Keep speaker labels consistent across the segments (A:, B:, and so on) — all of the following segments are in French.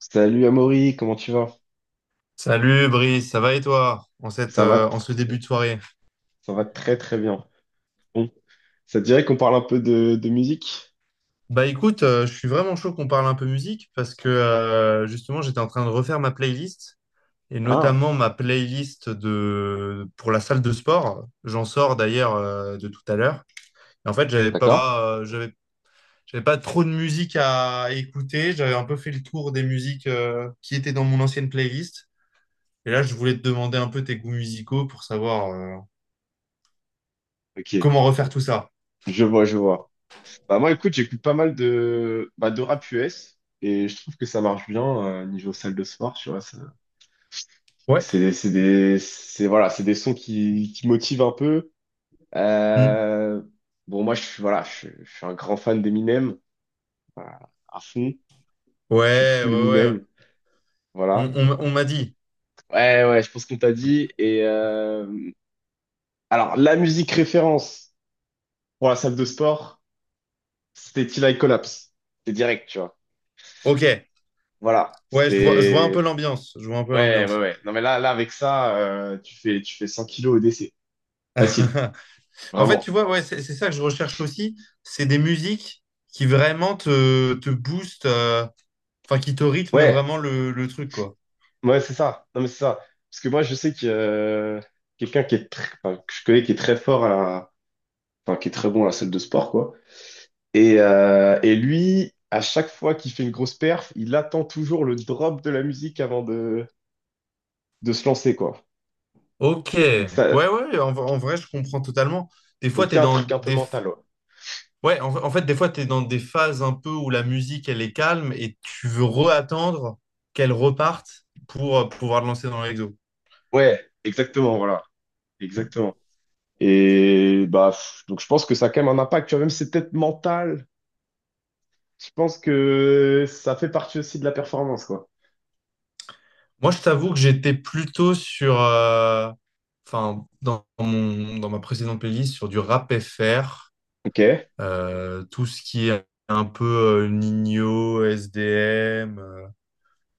A: Salut Amaury, comment tu vas?
B: Salut Brice, ça va et toi en
A: Ça va,
B: en ce début de soirée?
A: ça va très très bien. Bon, ça te dirait qu'on parle un peu de musique?
B: Bah écoute, je suis vraiment chaud qu'on parle un peu musique parce que justement j'étais en train de refaire ma playlist et
A: Ah,
B: notamment ma playlist de pour la salle de sport. J'en sors d'ailleurs de tout à l'heure. En fait,
A: d'accord.
B: j'avais pas trop de musique à écouter. J'avais un peu fait le tour des musiques qui étaient dans mon ancienne playlist. Et là, je voulais te demander un peu tes goûts musicaux pour savoir
A: Ok,
B: comment refaire tout ça.
A: je vois, je vois. Bah moi écoute, j'écoute pas mal de rap US et je trouve que ça marche bien niveau salle de sport, tu vois.
B: Ouais.
A: C'est voilà, c'est des sons qui motivent un peu.
B: Hmm.
A: Euh, bon moi je suis voilà, je suis un grand fan d'Eminem, voilà, à fond. Je suis
B: Ouais,
A: full
B: ouais, ouais.
A: Eminem, voilà.
B: On m'a dit.
A: Ouais, ouais, je pense qu'on t'a dit. Et, alors, la musique référence pour la salle de sport, c'était Till I Collapse. C'est direct, tu vois.
B: Ok.
A: Voilà.
B: Ouais, je vois un peu
A: C'est.
B: l'ambiance. Je vois un peu
A: Ouais, ouais,
B: l'ambiance.
A: ouais. Non, mais là avec ça, tu fais 100 kilos au décès. Facile.
B: En fait,
A: Vraiment.
B: tu vois, ouais, c'est ça que je recherche aussi. C'est des musiques qui vraiment te boostent, enfin, qui te rythment
A: Ouais,
B: vraiment le truc, quoi.
A: ouais, c'est ça. Non, mais c'est ça. Parce que moi, je sais que quelqu'un qui est enfin, que je connais qui est très fort à la, enfin, qui est très bon à la salle de sport, quoi. Et lui, à chaque fois qu'il fait une grosse perf, il attend toujours le drop de la musique avant de se lancer, quoi.
B: Ok.
A: Donc
B: Ouais,
A: ça,
B: ouais, en vrai, je comprends totalement. Des fois,
A: donc il y
B: t'es
A: a un truc
B: dans
A: un peu
B: des,
A: mental. Ouais,
B: Ouais, en fait, des fois, tu es dans des phases un peu où la musique, elle est calme et tu veux reattendre qu'elle reparte pour pouvoir le lancer dans l'exo.
A: ouais, exactement, voilà.
B: Mm.
A: Exactement. Et bah, donc je pense que ça a quand même un impact, tu vois, même si c'est peut-être mental, je pense que ça fait partie aussi de la performance, quoi.
B: Moi, je t'avoue que j'étais plutôt sur, enfin, dans ma précédente playlist, sur du rap FR,
A: Ok,
B: tout ce qui est un peu Ninho, SDM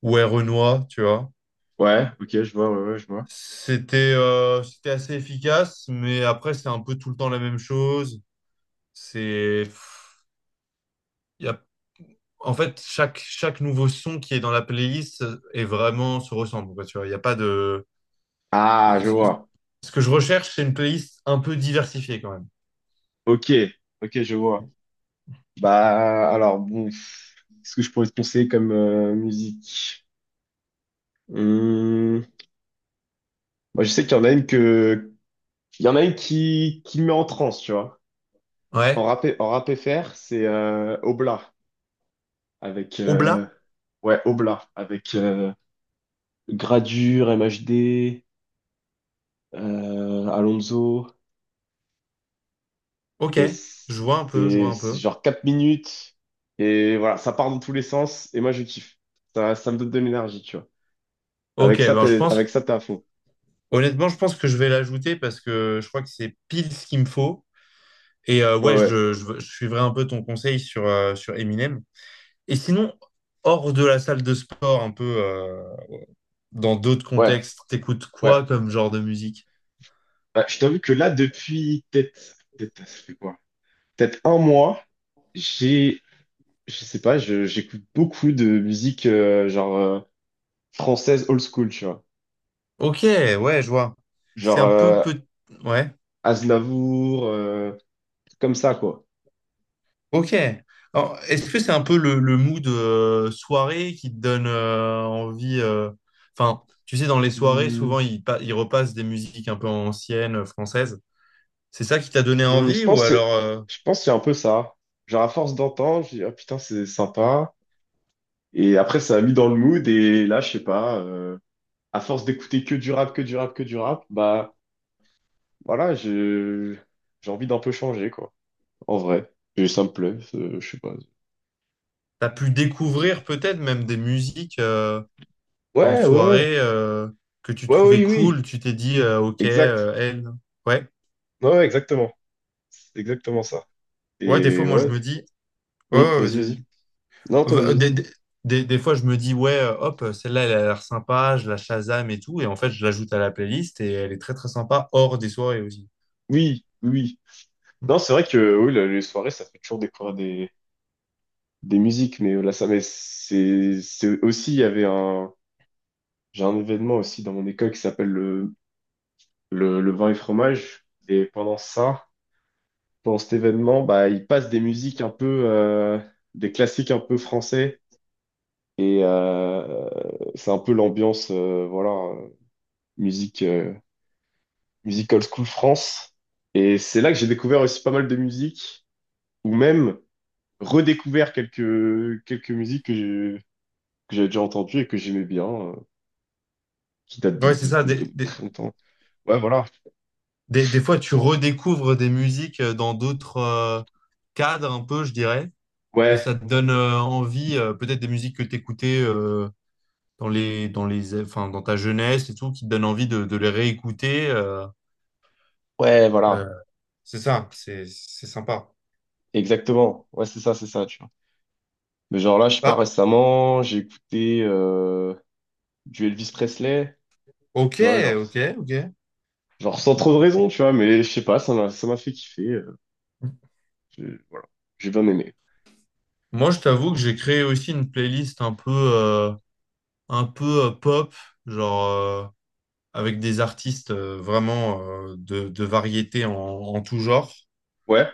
B: ou Renoir, tu vois.
A: ouais, ok, je vois, ouais, ouais, je vois.
B: C'était assez efficace, mais après, c'est un peu tout le temps la même chose. C'est, en fait, chaque nouveau son qui est dans la playlist est vraiment se ressemble, quoi, tu vois, il n'y a pas de.
A: Ah, je vois.
B: Ce que je recherche, c'est une playlist un peu diversifiée quand même.
A: Ok, ok, je vois. Bah, alors, bon, qu'est-ce que je pourrais te conseiller comme musique? Hum, moi, je sais qu'il y en a une qui me met en transe, tu vois.
B: Ouais.
A: En rap FR, c'est Obla, avec
B: Oblat?
A: ouais, Oblak avec Gradure, MHD, Alonso,
B: Ok.
A: et
B: Je vois un peu, je vois
A: c'est
B: un
A: c'est
B: peu.
A: genre 4 minutes, et voilà, ça part dans tous les sens et moi je kiffe. Ça me donne de l'énergie, tu vois.
B: Ok, ben je
A: Avec
B: pense,
A: ça t'es à fond.
B: honnêtement, je pense que je vais l'ajouter parce que je crois que c'est pile ce qu'il me faut. Et
A: Ouais, ouais,
B: je suivrai un peu ton conseil sur Eminem. Et sinon, hors de la salle de sport, un peu dans d'autres
A: ouais,
B: contextes, t'écoutes
A: ouais.
B: quoi comme genre de musique?
A: Bah, je t'avoue que là depuis peut-être ça fait quoi, peut-être 1 mois, j'ai je sais pas je j'écoute beaucoup de musique française old school, tu vois.
B: Ok, ouais, je vois. C'est
A: Genre
B: un peu peut... Ouais,
A: Aznavour, comme ça, quoi.
B: ok. Alors, est-ce que c'est un peu le mood soirée qui te donne envie enfin, tu sais, dans les soirées,
A: Hmm.
B: souvent, ils repassent des musiques un peu anciennes, françaises. C'est ça qui t'a donné
A: Hum, je
B: envie ou
A: pense, que-
B: alors
A: je pense qu'il y un peu ça. Genre, à force d'entendre, je dis, ah putain, c'est sympa. Et après, ça a mis dans le mood. Et là, je sais pas, à force d'écouter que du rap, que du rap, que du rap, bah voilà, j'ai envie d'un peu changer, quoi. En vrai. Et ça me plaît, je sais pas.
B: t'as pu
A: Je kiffe.
B: découvrir peut-être même des musiques en
A: Ouais, ouais, ouais.
B: soirée que tu
A: Ouais,
B: trouvais
A: oui,
B: cool,
A: oui.
B: tu t'es dit, ok,
A: Exact.
B: elle. Ouais,
A: Ouais, ouais, exactement. C'est exactement ça.
B: ouais, des fois,
A: Et
B: moi, je
A: ouais.
B: me dis, ouais, ouais,
A: Vas-y, vas-y.
B: vas-y.
A: Non, toi,
B: Euh,
A: vas-y.
B: Des, des, des fois, je me dis, ouais, hop, celle-là, elle a l'air sympa, je la Shazam et tout. Et en fait, je l'ajoute à la playlist et elle est très, très sympa hors des soirées aussi.
A: Oui, oui.
B: Mm.
A: Non, c'est vrai que oui, les soirées, ça fait toujours découvrir des musiques, mais c'est aussi, il y avait un, j'ai un événement aussi dans mon école qui s'appelle le vin et fromage, et pendant ça, pendant cet événement, bah, ils passent des musiques un peu, des classiques un peu français, et c'est un peu l'ambiance, voilà, musique, euh, musique old school France, et c'est là que j'ai découvert aussi pas mal de musiques, ou même redécouvert quelques musiques que j'avais déjà entendu et que j'aimais bien, qui date de,
B: Ouais, c'est
A: de,
B: ça.
A: de, de très longtemps. Ouais, voilà.
B: Des fois, tu redécouvres des musiques dans d'autres cadres, un peu, je dirais. Et
A: Ouais,
B: ça te donne envie, peut-être des musiques que tu écoutais enfin, dans ta jeunesse et tout, qui te donnent envie de les réécouter.
A: ouais, voilà.
B: Euh, c'est ça, c'est sympa.
A: Exactement. Ouais, c'est ça, tu vois. Mais genre là, je sais pas,
B: Bah,
A: récemment, j'ai écouté du Elvis Presley,
B: ok,
A: tu vois, genre,
B: ok, ok.
A: genre sans trop de raison, tu vois, mais je sais pas, ça m'a fait kiffer. Je- voilà, j'ai bien aimé.
B: Moi, je t'avoue que j'ai créé aussi une playlist un peu pop, genre euh, avec des artistes vraiment de variété en tout genre.
A: Ouais.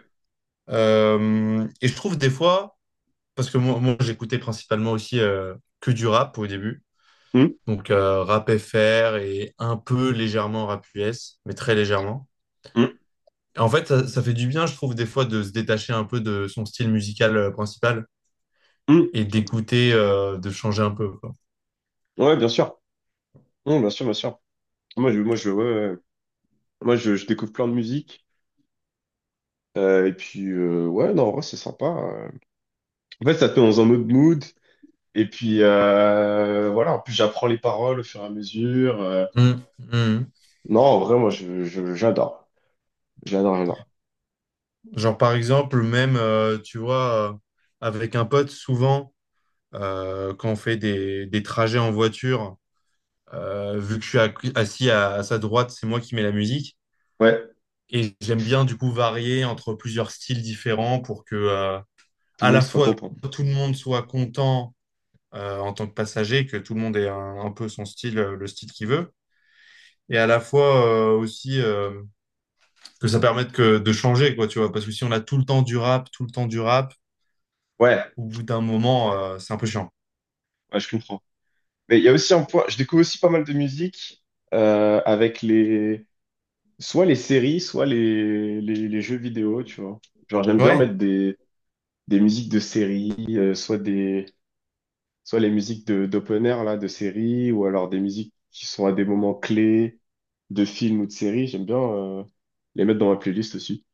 B: Et je trouve des fois, parce que moi, j'écoutais principalement aussi que du rap au début,
A: Hum,
B: donc rap FR et un peu légèrement rap US, mais très légèrement.
A: hum,
B: Et en fait, ça fait du bien, je trouve, des fois de se détacher un peu de son style musical principal
A: hum.
B: et d'écouter, de changer un peu, quoi.
A: Ouais, bien sûr. Bien sûr, bien sûr. Ouais, ouais. Je découvre plein de musique. Ouais, non, en vrai, c'est sympa. En fait, ça te met dans un autre mood. Et puis voilà, en plus j'apprends les paroles au fur et à mesure.
B: Mm, mm.
A: Non, en vrai, j'adore. J'adore, j'adore.
B: Genre, par exemple, même, tu vois, avec un pote, souvent, quand on fait des trajets en voiture, vu que je suis assis à sa droite, c'est moi qui mets la musique.
A: Ouais,
B: Et j'aime bien, du coup, varier entre plusieurs styles différents pour que,
A: tout le
B: à
A: monde
B: la
A: soit
B: fois,
A: content.
B: tout le monde soit content, en tant que passager, que tout le monde ait un peu son style, le style qu'il veut. Et à la fois, aussi, que ça de changer, quoi, tu vois. Parce que si on a tout le temps du rap, tout le temps du rap,
A: Ouais,
B: au bout d'un moment, c'est un peu chiant.
A: ouais, je comprends. Mais il y a aussi un point, je découvre aussi pas mal de musique avec les, soit les séries, soit les jeux vidéo, tu vois. Genre j'aime bien
B: Ouais,
A: mettre des musiques de séries, soit les musiques de d'open air là de séries, ou alors des musiques qui sont à des moments clés de films ou de séries. J'aime bien les mettre dans ma playlist aussi.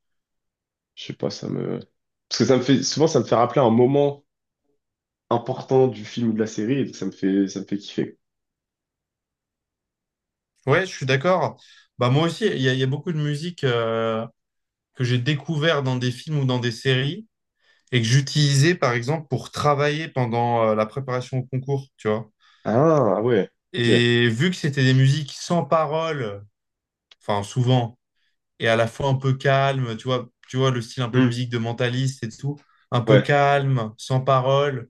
A: Je sais pas, ça me parce que ça me fait souvent, ça me fait rappeler un moment important du film ou de la série, et donc ça me fait kiffer.
B: ouais, je suis d'accord. Bah moi aussi, il y a beaucoup de musique que j'ai découvert dans des films ou dans des séries et que j'utilisais par exemple pour travailler pendant la préparation au concours, tu vois.
A: Ah, ah ouais. Ok.
B: Et vu que c'était des musiques sans parole, enfin souvent, et à la fois un peu calme, tu vois le style un peu
A: Hmm.
B: musique de mentaliste et tout, un peu
A: Ouais,
B: calme, sans parole,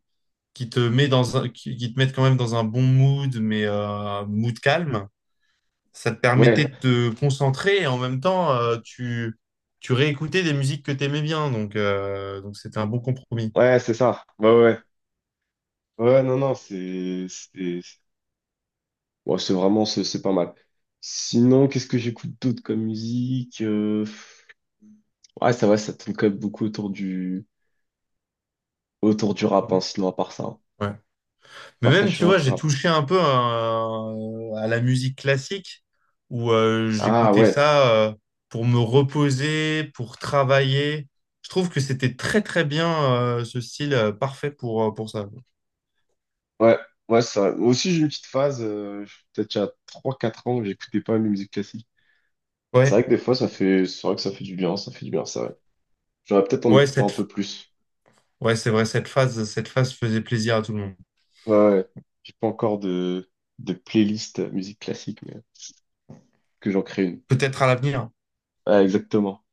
B: qui te met qui te met quand même dans un bon mood, mais mood calme. Ça te permettait
A: ouais,
B: de te concentrer et en même temps, tu réécoutais des musiques que tu aimais bien. Donc c'était un bon compromis.
A: ouais, c'est ça. Ouais, ouais, ouais, ouais, non, non, ouais, c'est vraiment, c'est pas mal. Sinon, qu'est-ce que j'écoute d'autre comme musique? Ouais, ça va, ça tourne quand même beaucoup autour du rap, hein,
B: Mm.
A: sinon, à part ça, hein.
B: Ouais. Mais
A: À part ça, je
B: même,
A: suis
B: tu
A: vraiment
B: vois,
A: full
B: j'ai
A: rap.
B: touché un peu à la musique classique où
A: Ah
B: j'écoutais
A: ouais,
B: ça pour me reposer, pour travailler. Je trouve que c'était très très bien ce style parfait pour ça.
A: ouais, ouais, ça. Moi aussi, j'ai une petite phase, peut-être il y a 3-4 ans, que j'écoutais pas la musique classique. C'est vrai
B: Ouais,
A: que des fois, c'est vrai que ça fait du bien, ça fait du bien, ça, ouais. J'aurais peut-être en
B: ouais,
A: écouter un peu
B: cette...
A: plus.
B: ouais, c'est vrai, cette phase faisait plaisir à tout le monde.
A: Ouais, ouais. J'ai pas encore de playlist musique classique, mais que j'en crée une.
B: Peut-être à l'avenir.
A: Ouais, exactement.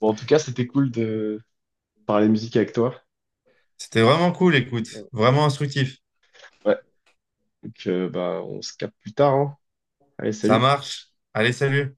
A: Bon, en tout cas, c'était cool de parler musique avec toi.
B: C'était vraiment cool, écoute, vraiment instructif.
A: Ouais, donc, on se capte plus tard, hein. Allez,
B: Ça
A: salut.
B: marche. Allez, salut.